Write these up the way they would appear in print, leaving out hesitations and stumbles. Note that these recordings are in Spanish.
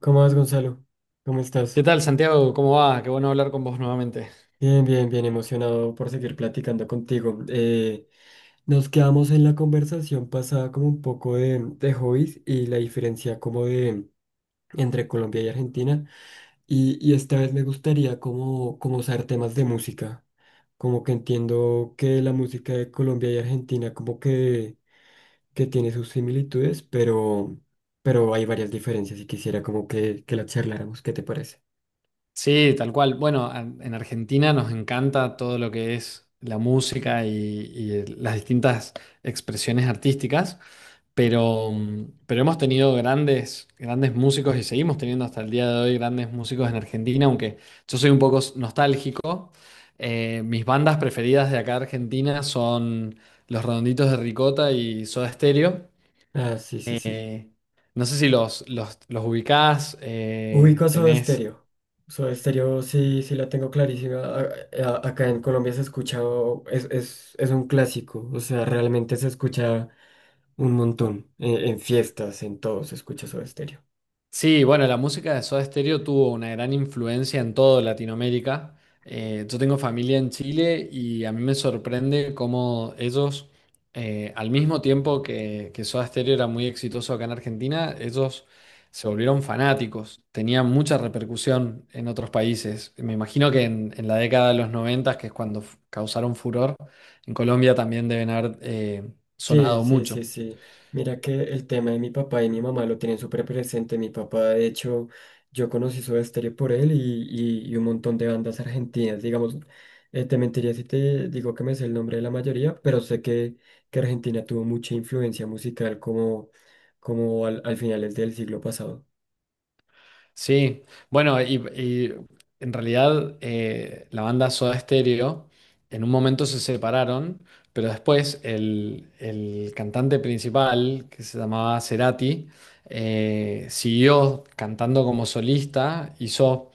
¿Cómo vas, Gonzalo? ¿Cómo ¿Qué estás? tal, Santiago? ¿Cómo va? Qué bueno hablar con vos nuevamente. Bien, bien, bien emocionado por seguir platicando contigo. Nos quedamos en la conversación pasada como un poco de hobbies y la diferencia como de entre Colombia y Argentina. Y esta vez me gustaría como usar temas de música. Como que entiendo que la música de Colombia y Argentina como que tiene sus similitudes, pero hay varias diferencias y quisiera como que la charláramos. ¿Qué te parece? Sí, tal cual. Bueno, en Argentina nos encanta todo lo que es la música y las distintas expresiones artísticas, pero, pero hemos tenido grandes, grandes músicos y seguimos teniendo hasta el día de hoy grandes músicos en Argentina, aunque yo soy un poco nostálgico. Mis bandas preferidas de acá de Argentina son Los Redonditos de Ricota y Soda Stereo. Ah, sí, sí, sí. Eh, no sé si los ubicás, Ubico Soda tenés. Stereo. Soda Stereo, sí, sí la tengo clarísima. Acá en Colombia se escucha, es un clásico. O sea, realmente se escucha un montón. En fiestas, en todo se escucha Soda Stereo. Sí, bueno, la música de Soda Stereo tuvo una gran influencia en toda Latinoamérica. Yo tengo familia en Chile y a mí me sorprende cómo ellos, al mismo tiempo que Soda Stereo era muy exitoso acá en Argentina, ellos se volvieron fanáticos. Tenían mucha repercusión en otros países. Me imagino que en la década de los 90, que es cuando causaron furor, en Colombia también deben haber Sí, sonado sí, sí, mucho. sí. Mira que el tema de mi papá y mi mamá lo tienen súper presente. Mi papá, de hecho, yo conocí Soda Stereo por él y un montón de bandas argentinas. Digamos, te mentiría si te digo que me sé el nombre de la mayoría, pero sé que Argentina tuvo mucha influencia musical como al finales del siglo pasado. Sí, bueno, y en realidad la banda Soda Stereo en un momento se separaron, pero después el cantante principal, que se llamaba Cerati, siguió cantando como solista, hizo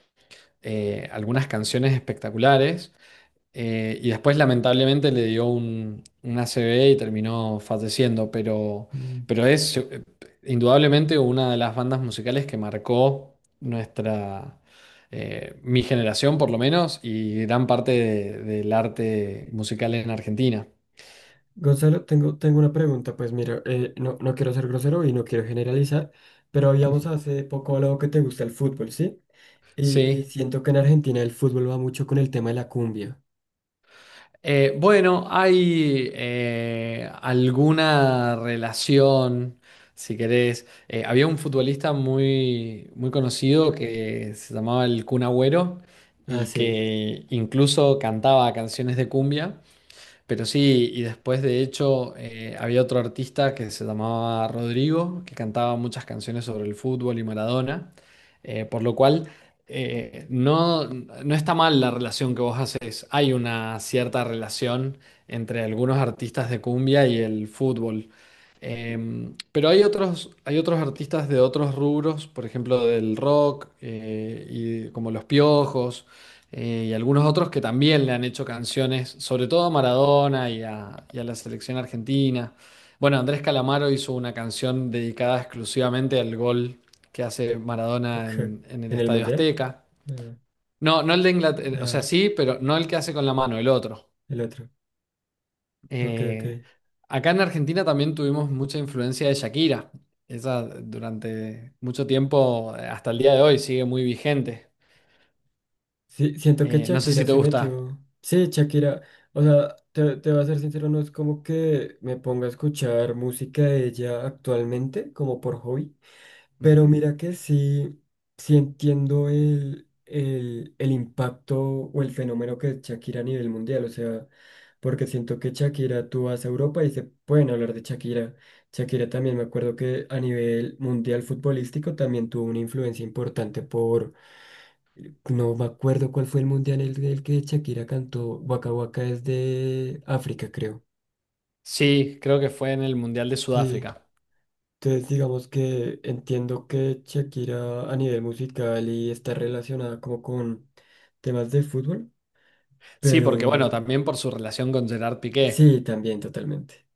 algunas canciones espectaculares, y después, lamentablemente, le dio un ACV y terminó falleciendo, pero es indudablemente una de las bandas musicales que marcó nuestra, mi generación, por lo menos, y gran parte del arte musical en Argentina. Gonzalo, tengo una pregunta, pues mira, no, no quiero ser grosero y no quiero generalizar, pero habíamos hace poco hablado que te gusta el fútbol, ¿sí? Y Sí. siento que en Argentina el fútbol va mucho con el tema de la cumbia. Bueno, hay alguna relación, si querés. Había un futbolista muy, muy conocido que se llamaba el Kun Agüero Ah, y sí. que incluso cantaba canciones de cumbia. Pero sí, y después de hecho había otro artista que se llamaba Rodrigo, que cantaba muchas canciones sobre el fútbol y Maradona, por lo cual no, no está mal la relación que vos haces. Hay una cierta relación entre algunos artistas de cumbia y el fútbol. Pero hay otros artistas de otros rubros, por ejemplo del rock, y como Los Piojos y algunos otros que también le han hecho canciones, sobre todo a Maradona y a la selección argentina. Bueno, Andrés Calamaro hizo una canción dedicada exclusivamente al gol que hace Maradona Ok. En el ¿En el Estadio mundial? Azteca. Ah, No, no el de Inglaterra, o sea, ah, sí, pero no el que hace con la mano, el otro. el otro. Ok, ok. Eh, acá en Argentina también tuvimos mucha influencia de Shakira. Esa durante mucho tiempo, hasta el día de hoy, sigue muy vigente. Sí, siento que No sé Shakira si te se gusta. metió. Sí, Shakira, o sea, te voy a ser sincero, no es como que me ponga a escuchar música de ella actualmente, como por hobby, pero Ujú. mira que sí, sí entiendo el impacto o el fenómeno que es Shakira a nivel mundial. O sea, porque siento que Shakira, tú vas a Europa y se pueden hablar de Shakira. Shakira también, me acuerdo que a nivel mundial futbolístico también tuvo una influencia importante. No me acuerdo cuál fue el mundial en el que Shakira cantó. Waka Waka es de África, creo. Sí, creo que fue en el Mundial de Sí. Sudáfrica. Entonces digamos que entiendo que Shakira a nivel musical y está relacionada como con temas de fútbol, Sí, porque bueno, pero también por su relación con Gerard Piqué. sí, también totalmente.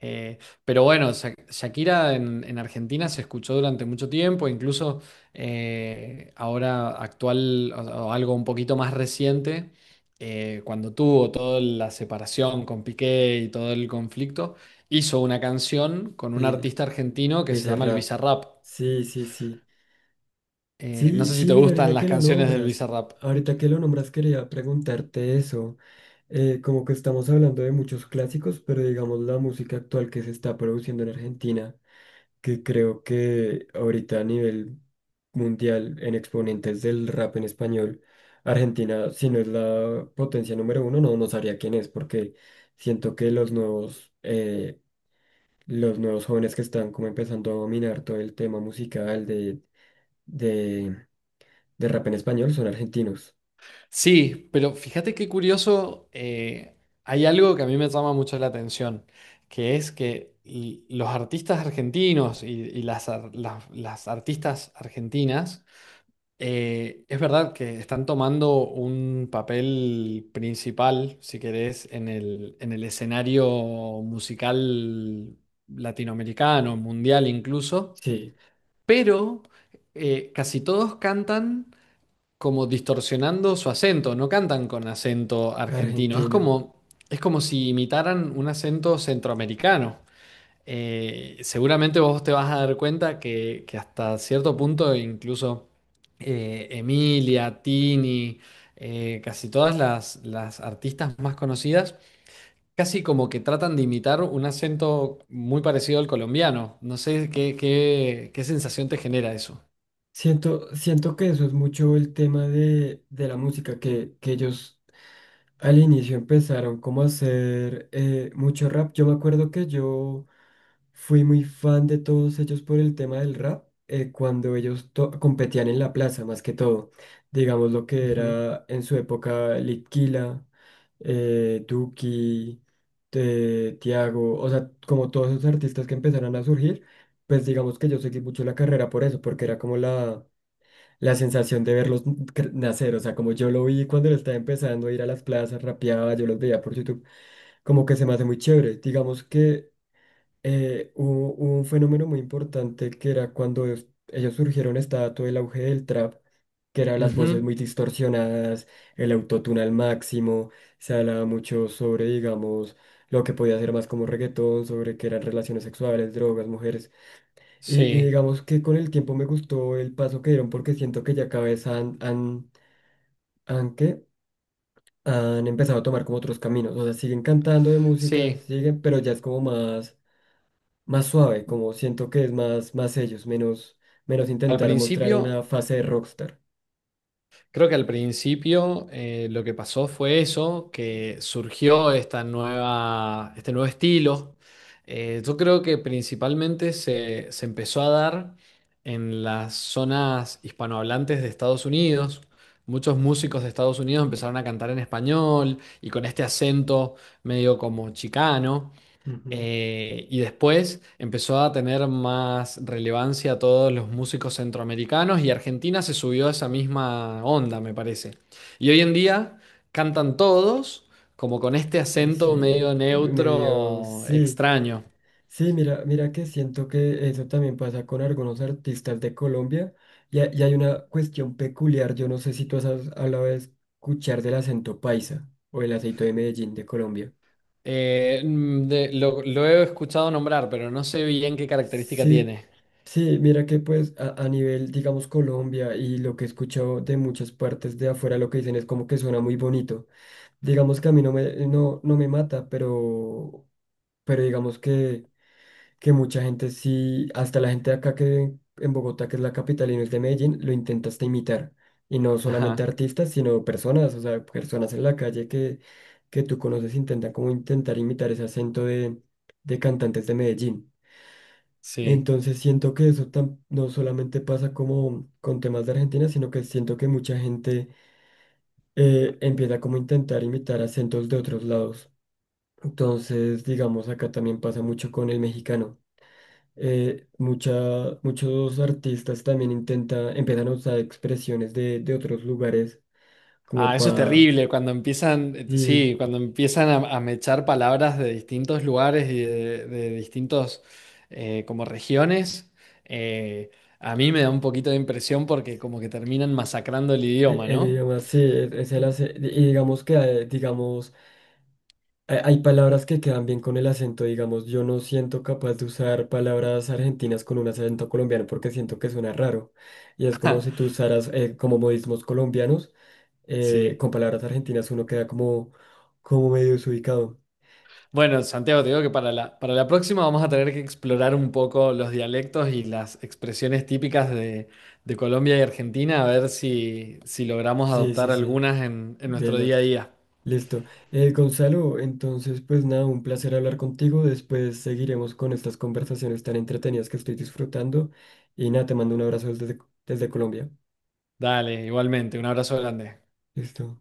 Eh, pero bueno, Shakira en Argentina se escuchó durante mucho tiempo, incluso ahora actual o algo un poquito más reciente, cuando tuvo toda la separación con Piqué y todo el conflicto, hizo una canción con un Sí, artista argentino que se llama el Bizarrap. Bizarrap. Sí, sí, sí. No Sí, sé si te sí, mira, gustan ahorita las que lo canciones del nombras, Bizarrap. ahorita que lo nombras quería preguntarte eso. Como que estamos hablando de muchos clásicos, pero digamos la música actual que se está produciendo en Argentina, que creo que ahorita a nivel mundial en exponentes del rap en español, Argentina, si no es la potencia número uno, no, no sabría quién es, porque siento que los nuevos jóvenes que están como empezando a dominar todo el tema musical de de rap en español son argentinos. Sí, pero fíjate qué curioso, hay algo que a mí me llama mucho la atención, que es que los artistas argentinos y las, las artistas argentinas, es verdad que están tomando un papel principal, si querés, en en el escenario musical latinoamericano, mundial incluso, Sí, pero casi todos cantan como distorsionando su acento, no cantan con acento argentino, argentino. Es como si imitaran un acento centroamericano. Seguramente vos te vas a dar cuenta que hasta cierto punto incluso Emilia, Tini, casi todas las artistas más conocidas, casi como que tratan de imitar un acento muy parecido al colombiano. No sé qué, qué, qué sensación te genera eso. Siento, siento que eso es mucho el tema de la música, que ellos al inicio empezaron como a hacer mucho rap. Yo me acuerdo que yo fui muy fan de todos ellos por el tema del rap, cuando competían en la plaza, más que todo. Digamos lo que Ujú. era en su época Litquila, Duki, Tiago, o sea, como todos esos artistas que empezaron a surgir, pues digamos que yo seguí mucho la carrera por eso, porque era como la la sensación de nacer. O sea, como yo lo vi cuando lo estaba empezando a ir a las plazas, rapeaba, yo los veía por YouTube, como que se me hace muy chévere. Digamos que hubo, hubo un fenómeno muy importante que era cuando ellos surgieron, estaba todo el auge del trap, que eran las voces Ujú. muy distorsionadas, el autotune al máximo, se hablaba mucho sobre, digamos, lo que podía ser más como reggaetón, sobre que eran relaciones sexuales, drogas, mujeres. Y Sí. digamos que con el tiempo me gustó el paso que dieron porque siento que ya cada vez ¿qué? Han empezado a tomar como otros caminos. O sea, siguen cantando de música, Sí, siguen, pero ya es como más, más suave, como siento que es más, más ellos, menos, menos al intentar mostrar principio, una fase de rockstar. creo que al principio lo que pasó fue eso, que surgió esta nueva, este nuevo estilo. Yo creo que principalmente se empezó a dar en las zonas hispanohablantes de Estados Unidos. Muchos músicos de Estados Unidos empezaron a cantar en español y con este acento medio como chicano. Ujú. Y después empezó a tener más relevancia todos los músicos centroamericanos y Argentina se subió a esa misma onda, me parece. Y hoy en día cantan todos como con este acento Ese medio medio, neutro sí. extraño. Sí, mira, mira que siento que eso también pasa con algunos artistas de Colombia y hay una cuestión peculiar. Yo no sé si tú has hablado de escuchar del acento paisa o el acento de Medellín de Colombia. Lo he escuchado nombrar, pero no sé bien qué característica Sí, tiene. sí, mira que pues a nivel, digamos, Colombia y lo que he escuchado de muchas partes de afuera, lo que dicen es como que suena muy bonito. Digamos que a mí no me, no, no me mata, pero digamos que mucha gente sí, hasta la gente de acá que en Bogotá, que es la capital y no es de Medellín, lo intenta hasta imitar. Y no Ajá, solamente artistas, sino personas, o sea, personas en la calle que tú conoces intentan como intentar imitar ese acento de cantantes de Medellín. sí. Entonces siento que eso no solamente pasa como con temas de Argentina, sino que siento que mucha gente empieza como a intentar imitar acentos de otros lados. Entonces, digamos, acá también pasa mucho con el mexicano. Muchos artistas también intentan, empiezan a usar expresiones de otros lugares Ah, como eso es para... terrible, cuando empiezan, Y sí, cuando empiezan a mechar palabras de distintos lugares y de distintos como regiones, eh, a mí me da un poquito de impresión porque como que terminan masacrando el idioma, el ¿no? idioma sí, es el acento. Y digamos que, digamos, hay palabras que quedan bien con el acento. Digamos, yo no siento capaz de usar palabras argentinas con un acento colombiano porque siento que suena raro. Y es como si tú usaras como modismos colombianos, Sí. con palabras argentinas uno queda como, como medio desubicado. Bueno, Santiago, te digo que para la próxima vamos a tener que explorar un poco los dialectos y las expresiones típicas de Colombia y Argentina, a ver si, si logramos Sí, sí, adoptar sí, algunas en nuestro del día a otro. día. Listo. Gonzalo, entonces pues nada, un placer hablar contigo. Después seguiremos con estas conversaciones tan entretenidas que estoy disfrutando. Y nada, te mando un abrazo desde, desde Colombia. Dale, igualmente, un abrazo grande. Listo.